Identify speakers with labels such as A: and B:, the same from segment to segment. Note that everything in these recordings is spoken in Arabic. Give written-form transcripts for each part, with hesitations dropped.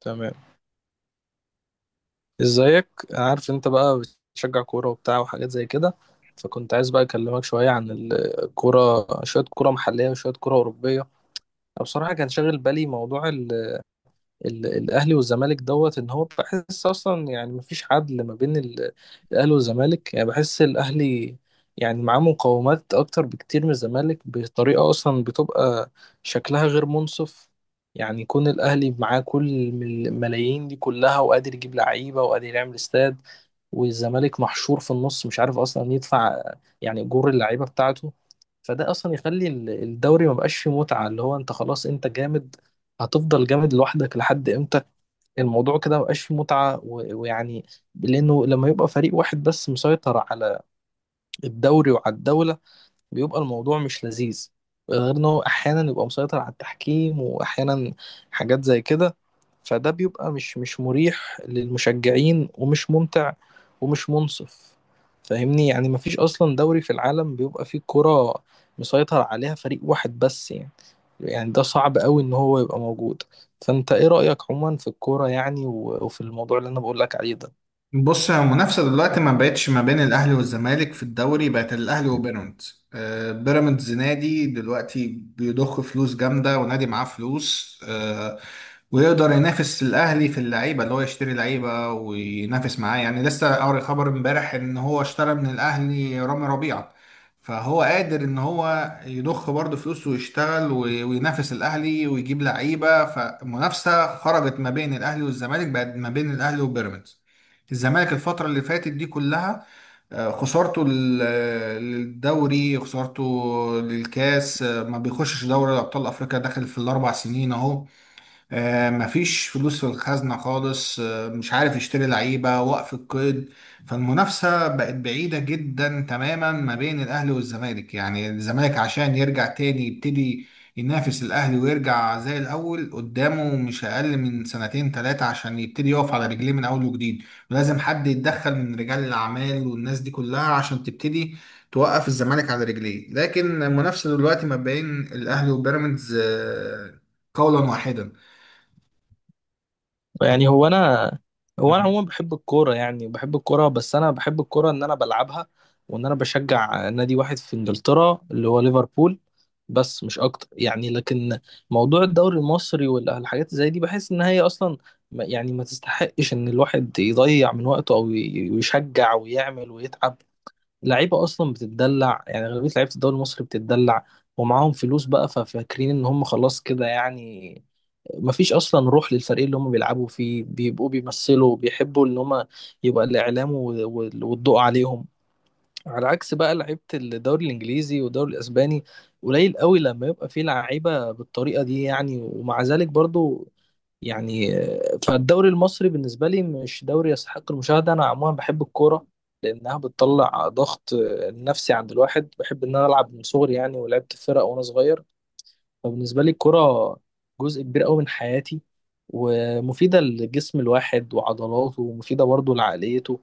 A: تمام. ازيك؟ أنا عارف انت بقى بتشجع كورة وبتاع وحاجات زي كده. فكنت عايز بقى اكلمك شوية عن الكورة، شوية كورة محلية وشوية كورة أوروبية. أنا بصراحة كان شاغل بالي موضوع الاهلي والزمالك دوت ان هو بحس اصلا، يعني مفيش عدل ما بين الاهلي والزمالك. يعني بحس الاهلي يعني معاه مقومات اكتر بكتير من الزمالك بطريقه اصلا بتبقى شكلها غير منصف. يعني يكون الاهلي معاه كل الملايين دي كلها، وقادر يجيب لعيبه وقادر يعمل استاد، والزمالك محشور في النص مش عارف اصلا يدفع يعني اجور اللعيبه بتاعته. فده اصلا يخلي الدوري مبقاش فيه متعه، اللي هو انت خلاص، انت جامد هتفضل جامد لوحدك لحد امتى؟ الموضوع كده مبقاش فيه متعة ويعني، لأنه لما يبقى فريق واحد بس مسيطر على الدوري وعلى الدولة، بيبقى الموضوع مش لذيذ. غير ان هو احيانا يبقى مسيطر على التحكيم، واحيانا حاجات زي كده. فده بيبقى مش مريح للمشجعين، ومش ممتع ومش منصف. فاهمني؟ يعني مفيش اصلا دوري في العالم بيبقى فيه كرة مسيطر عليها فريق واحد بس يعني. يعني ده صعب قوي ان هو يبقى موجود. فانت ايه رأيك عموما في الكورة يعني وفي الموضوع اللي انا بقول لك عليه ده؟
B: بص، المنافسة دلوقتي ما بقتش ما بين الأهلي والزمالك في الدوري، بقت الأهلي وبيراميدز. بيراميدز نادي دلوقتي بيضخ فلوس جامدة، ونادي معاه فلوس ويقدر ينافس الأهلي في اللعيبة، اللي هو يشتري لعيبة وينافس معاه، يعني لسه قاري خبر امبارح إن هو اشترى من الأهلي رامي ربيعة. فهو قادر إن هو يضخ برضه فلوس ويشتغل وينافس الأهلي ويجيب لعيبة. فمنافسة خرجت ما بين الأهلي والزمالك، بقت ما بين الأهلي وبيراميدز. الزمالك الفترة اللي فاتت دي كلها خسارته للدوري، خسارته للكاس، ما بيخشش دوري أبطال أفريقيا داخل في الـ4 سنين أهو. مفيش فلوس في الخزنة خالص، مش عارف يشتري لعيبة، وقف القيد. فالمنافسة بقت بعيدة جدا تماما ما بين الأهلي والزمالك. يعني الزمالك عشان يرجع تاني يبتدي ينافس الأهلي ويرجع زي الأول قدامه مش أقل من سنتين تلاتة، عشان يبتدي يقف على رجليه من أول وجديد. ولازم حد يتدخل من رجال الأعمال والناس دي كلها عشان تبتدي توقف الزمالك على رجليه. لكن المنافسة دلوقتي ما بين الأهلي وبيراميدز قولا واحدا.
A: يعني هو انا عموما بحب الكوره، يعني بحب الكوره، بس انا بحب الكوره ان انا بلعبها، وان انا بشجع نادي واحد في انجلترا اللي هو ليفربول، بس مش اكتر يعني. لكن موضوع الدوري المصري والحاجات زي دي بحس ان هي اصلا يعني ما تستحقش ان الواحد يضيع من وقته او يشجع ويعمل ويتعب. لعيبه اصلا بتتدلع، يعني غالبيه لعيبه الدوري المصري بتتدلع ومعاهم فلوس بقى، ففاكرين ان هم خلاص كده يعني. مفيش اصلا روح للفريق اللي هم بيلعبوا فيه، بيبقوا بيمثلوا، بيحبوا ان هم يبقى الاعلام والضوء عليهم. على عكس بقى لعيبه الدوري الانجليزي والدوري الاسباني، قليل قوي لما يبقى فيه لعيبه بالطريقه دي يعني. ومع ذلك برضو يعني فالدوري المصري بالنسبه لي مش دوري يستحق المشاهده. انا عموما بحب الكوره لانها بتطلع ضغط نفسي عند الواحد. بحب ان انا العب من صغري يعني، ولعبت في فرق وانا صغير. فبالنسبة لي الكرة جزء كبير قوي من حياتي، ومفيدة لجسم الواحد وعضلاته، ومفيدة برضه لعقليته.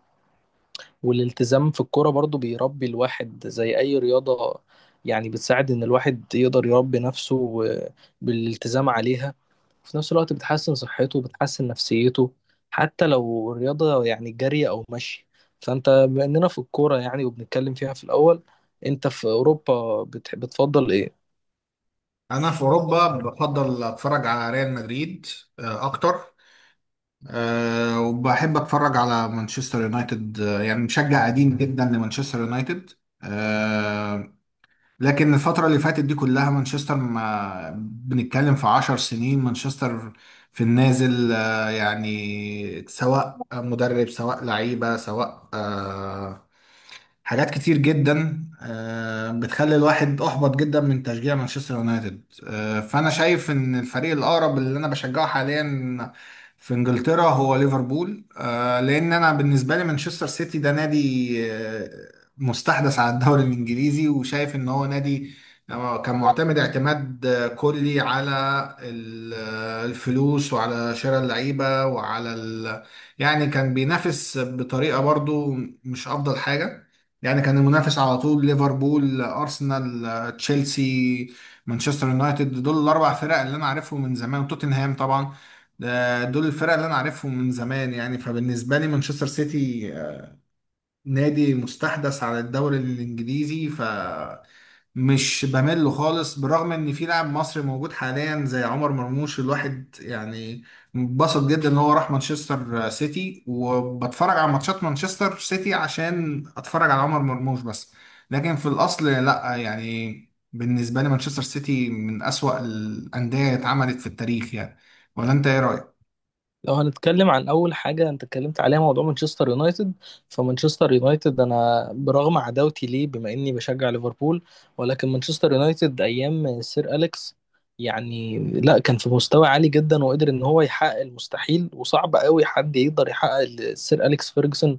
A: والالتزام في الكرة برضه بيربي الواحد زي أي رياضة. يعني بتساعد إن الواحد يقدر يربي نفسه بالالتزام عليها، وفي نفس الوقت بتحسن صحته وبتحسن نفسيته، حتى لو الرياضة يعني جري أو مشي. فأنت بما إننا في الكورة يعني وبنتكلم فيها في الأول، أنت في أوروبا بتفضل إيه؟
B: انا في اوروبا بفضل اتفرج على ريال مدريد اكتر، وبحب اتفرج على مانشستر يونايتد. يعني مشجع قديم جدا لمانشستر يونايتد. آه، لكن الفترة اللي فاتت دي كلها مانشستر، ما بنتكلم في 10 سنين. مانشستر في النازل. يعني سواء مدرب، سواء لعيبة، سواء حاجات كتير جدا بتخلي الواحد احبط جدا من تشجيع مانشستر يونايتد. فانا شايف ان الفريق الاقرب اللي انا بشجعه حاليا في انجلترا هو ليفربول. لان انا بالنسبه لي مانشستر سيتي ده نادي مستحدث على الدوري الانجليزي، وشايف ان هو نادي كان معتمد اعتماد كلي على الفلوس، وعلى شراء اللعيبه، وعلى يعني كان بينافس بطريقه برضو مش افضل حاجه. يعني كان المنافس على طول ليفربول، ارسنال، تشيلسي، مانشستر يونايتد، دول الـ4 فرق اللي انا عارفهم من زمان، وتوتنهام طبعا. دول الفرق اللي انا عارفهم من زمان. يعني فبالنسبه لي مانشستر سيتي نادي مستحدث على الدوري الانجليزي، ف مش بمل له خالص، بالرغم ان في لاعب مصري موجود حاليا زي عمر مرموش. الواحد يعني انبسط جدا ان هو راح مانشستر سيتي، وبتفرج على ماتشات مانشستر سيتي عشان اتفرج على عمر مرموش بس، لكن في الاصل لا يعني. بالنسبة لي مانشستر سيتي من اسوأ الاندية اتعملت في التاريخ يعني. ولا انت ايه رأيك؟
A: لو هنتكلم عن اول حاجه انت اتكلمت عليها موضوع مانشستر يونايتد، فمانشستر يونايتد انا برغم عداوتي ليه بما اني بشجع ليفربول، ولكن مانشستر يونايتد ايام سير اليكس، يعني لا، كان في مستوى عالي جدا وقدر ان هو يحقق المستحيل. وصعب قوي حد يقدر يحقق اللي سير اليكس فيرجسون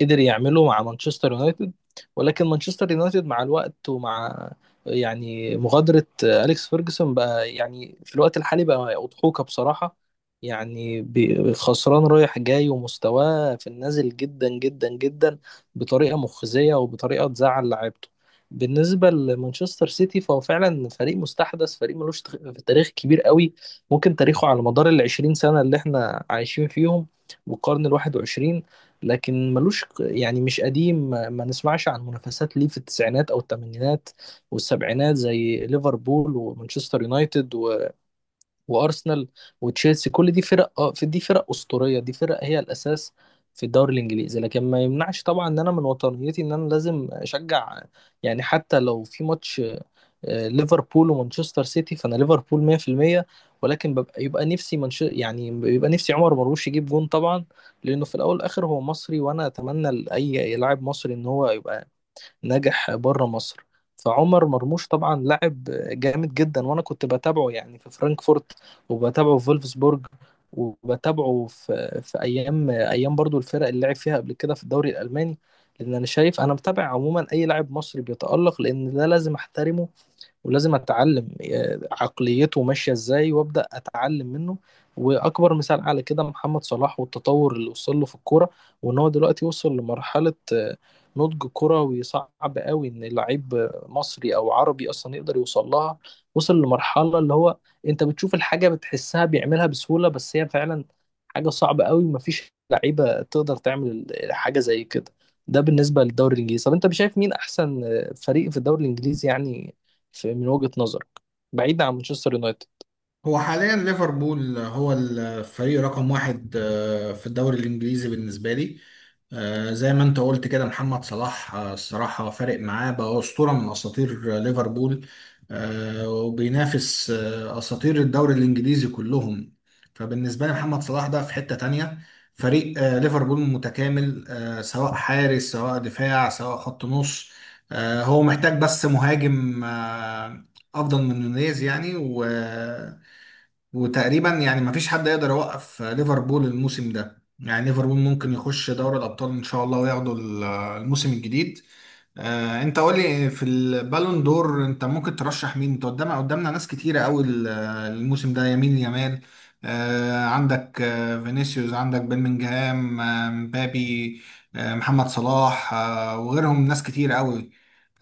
A: قدر يعمله مع مانشستر يونايتد. ولكن مانشستر يونايتد مع الوقت، ومع يعني مغادرة أليكس فيرجسون بقى، يعني في الوقت الحالي بقى أضحوكة بصراحة. يعني خسران رايح جاي، ومستواه في النازل جدا جدا جدا، بطريقة مخزية وبطريقة تزعل لعيبته. بالنسبة لمانشستر سيتي، فهو فعلا فريق مستحدث، فريق ملوش تاريخ كبير قوي. ممكن تاريخه على مدار ال20 سنة اللي احنا عايشين فيهم والقرن الواحد وعشرين، لكن ملوش يعني مش قديم. ما نسمعش عن منافسات ليه في التسعينات أو الثمانينات والسبعينات زي ليفربول ومانشستر يونايتد وارسنال وتشيلسي. كل دي فرق، اه في دي فرق اسطوريه، دي فرق هي الاساس في الدوري الانجليزي. لكن ما يمنعش طبعا ان انا من وطنيتي ان انا لازم اشجع، يعني حتى لو في ماتش ليفربول ومانشستر سيتي، فانا ليفربول 100%. ولكن يبقى نفسي يعني يبقى نفسي عمر مرموش يجيب جون طبعا، لانه في الاول والاخر هو مصري، وانا اتمنى لاي لاعب مصري ان هو يبقى ناجح بره مصر. فعمر مرموش طبعا لاعب جامد جدا، وانا كنت بتابعه يعني في فرانكفورت، وبتابعه في فولفسبورج، وبتابعه في ايام برضو الفرق اللي لعب فيها قبل كده في الدوري الالماني. لان انا شايف، انا متابع عموما اي لاعب مصري بيتالق، لان ده لازم احترمه، ولازم اتعلم عقليته ماشيه ازاي، وابدا اتعلم منه. واكبر مثال على كده محمد صلاح والتطور اللي وصل له في الكوره، وان هو دلوقتي وصل لمرحله نضج كروي صعب قوي ان لعيب مصري او عربي اصلا يقدر يوصل لها. وصل لمرحله اللي هو انت بتشوف الحاجه بتحسها بيعملها بسهوله، بس هي فعلا حاجه صعبه قوي، ومفيش لعيبه تقدر تعمل حاجه زي كده. ده بالنسبه للدوري الانجليزي. طب انت شايف مين احسن فريق في الدوري الانجليزي يعني، في من وجهة نظرك، بعيد عن مانشستر يونايتد؟
B: هو حاليا ليفربول هو الفريق رقم 1 في الدوري الإنجليزي بالنسبة لي. زي ما انت قلت كده محمد صلاح، الصراحة فارق معاه، بقى أسطورة من أساطير ليفربول. وبينافس أساطير الدوري الإنجليزي كلهم. فبالنسبة لي محمد صلاح ده في حتة تانية. فريق ليفربول متكامل، سواء حارس، سواء دفاع، سواء خط نص. هو محتاج بس مهاجم أفضل من نونيز، يعني وتقريبا يعني مفيش حد يقدر يوقف ليفربول الموسم ده. يعني ليفربول ممكن يخش دوري الأبطال إن شاء الله، وياخدوا الموسم الجديد. أنت قولي في البالون دور أنت ممكن ترشح مين؟ أنت قدامنا ناس كتيرة أوي الموسم ده. يمين يامال، عندك فينيسيوس، عندك بيلمنجهام، مبابي، محمد صلاح وغيرهم ناس كتير أوي،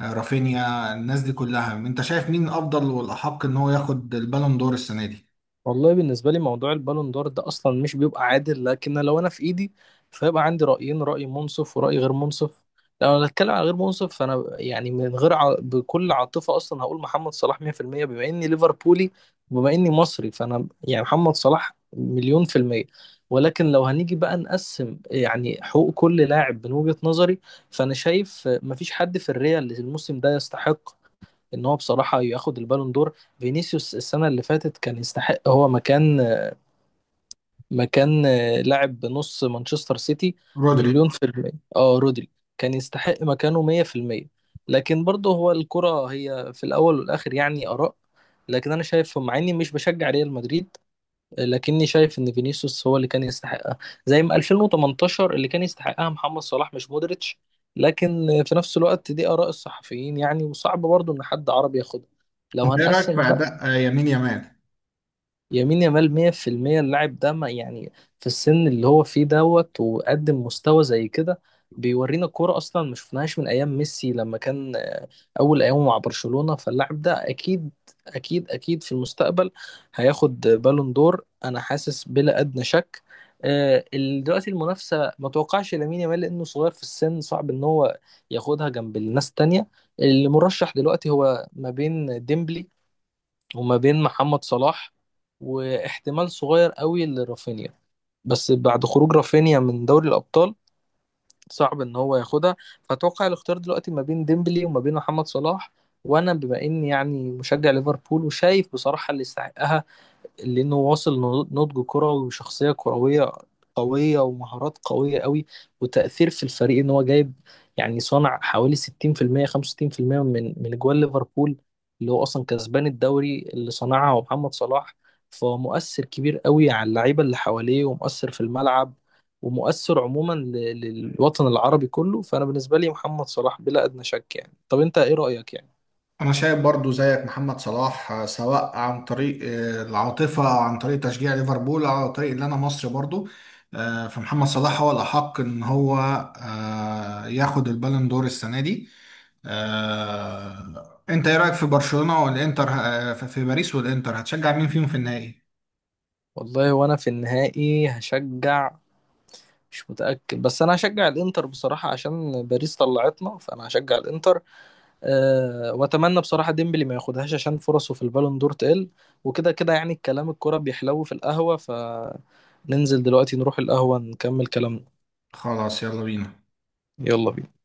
B: رافينيا. الناس دي كلها أنت شايف مين أفضل والأحق إن هو ياخد البالون دور السنة دي؟
A: والله بالنسبة لي موضوع البالون دور ده أصلا مش بيبقى عادل، لكن لو أنا في إيدي، فيبقى عندي رأيين، رأي منصف ورأي غير منصف. لو أنا هتكلم عن غير منصف، فأنا يعني من غير بكل عاطفة أصلا هقول محمد صلاح 100%، بما إني ليفربولي وبما إني مصري، فأنا يعني محمد صلاح مليون في المية. ولكن لو هنيجي بقى نقسم يعني حقوق كل لاعب من وجهة نظري، فأنا شايف مفيش حد في الريال الموسم ده يستحق ان هو بصراحه ياخد البالون دور. فينيسيوس السنه اللي فاتت كان يستحق، هو مكان مكان لاعب نص مانشستر سيتي،
B: رودري.
A: مليون في المية، اه رودري، كان يستحق مكانه 100%. لكن برضه هو الكرة هي في الأول والآخر يعني آراء. لكن أنا شايف، مع إني مش بشجع ريال مدريد، لكني شايف ان فينيسيوس هو اللي كان يستحقها، زي ما 2018 اللي كان يستحقها محمد صلاح مش مودريتش. لكن في نفس الوقت دي آراء الصحفيين يعني، وصعب برضو ان حد عربي ياخدها. لو
B: ايه رايك في
A: هنقسم بقى،
B: اداء يمين يمان؟
A: يمين يامال 100%. اللاعب ده، ما يعني في السن اللي هو فيه دوت وقدم مستوى زي كده، بيورينا كورة أصلا ما شفناهاش من أيام ميسي لما كان أول أيامه مع برشلونة. فاللاعب ده أكيد أكيد أكيد في المستقبل هياخد بالون دور، أنا حاسس بلا أدنى شك. دلوقتي المنافسة ما توقعش لامين يامال لأنه صغير في السن، صعب إن هو ياخدها جنب الناس التانية. المرشح دلوقتي هو ما بين ديمبلي وما بين محمد صلاح، واحتمال صغير قوي لرافينيا، بس بعد خروج رافينيا من دوري الأبطال صعب ان هو ياخدها. فاتوقع الاختيار دلوقتي ما بين ديمبلي وما بين محمد صلاح. وانا بما اني يعني مشجع ليفربول وشايف بصراحة اللي يستحقها، لأنه واصل نضج كروي وشخصية كروية قوية ومهارات قوية قوي، وتأثير في الفريق إن هو جايب، يعني صنع حوالي 60% 65% من أجوال ليفربول. اللي هو أصلا كسبان الدوري اللي صنعها هو محمد صلاح. فهو مؤثر كبير قوي على اللعيبة اللي حواليه، ومؤثر في الملعب، ومؤثر عموما للوطن العربي كله. فأنا بالنسبة لي محمد صلاح بلا أدنى شك يعني. طب أنت إيه رأيك يعني؟
B: انا شايف برضو زيك محمد صلاح، سواء عن طريق العاطفه، او عن طريق تشجيع ليفربول، او عن طريق اللي انا مصري برضو. فمحمد صلاح هو الاحق ان هو ياخد البالون دور السنه دي. انت ايه رايك في برشلونه والانتر في باريس والانتر؟ هتشجع مين فيهم في النهائي؟
A: والله وأنا في النهائي هشجع، مش متأكد، بس انا هشجع الانتر بصراحة، عشان باريس طلعتنا فانا هشجع الانتر. أه، واتمنى بصراحة ديمبلي ما ياخدهاش عشان فرصه في البالون دور تقل. وكده كده يعني الكلام الكرة بيحلو في القهوة، فننزل دلوقتي نروح القهوة نكمل كلامنا.
B: خلاص، يلا بينا.
A: يلا بينا.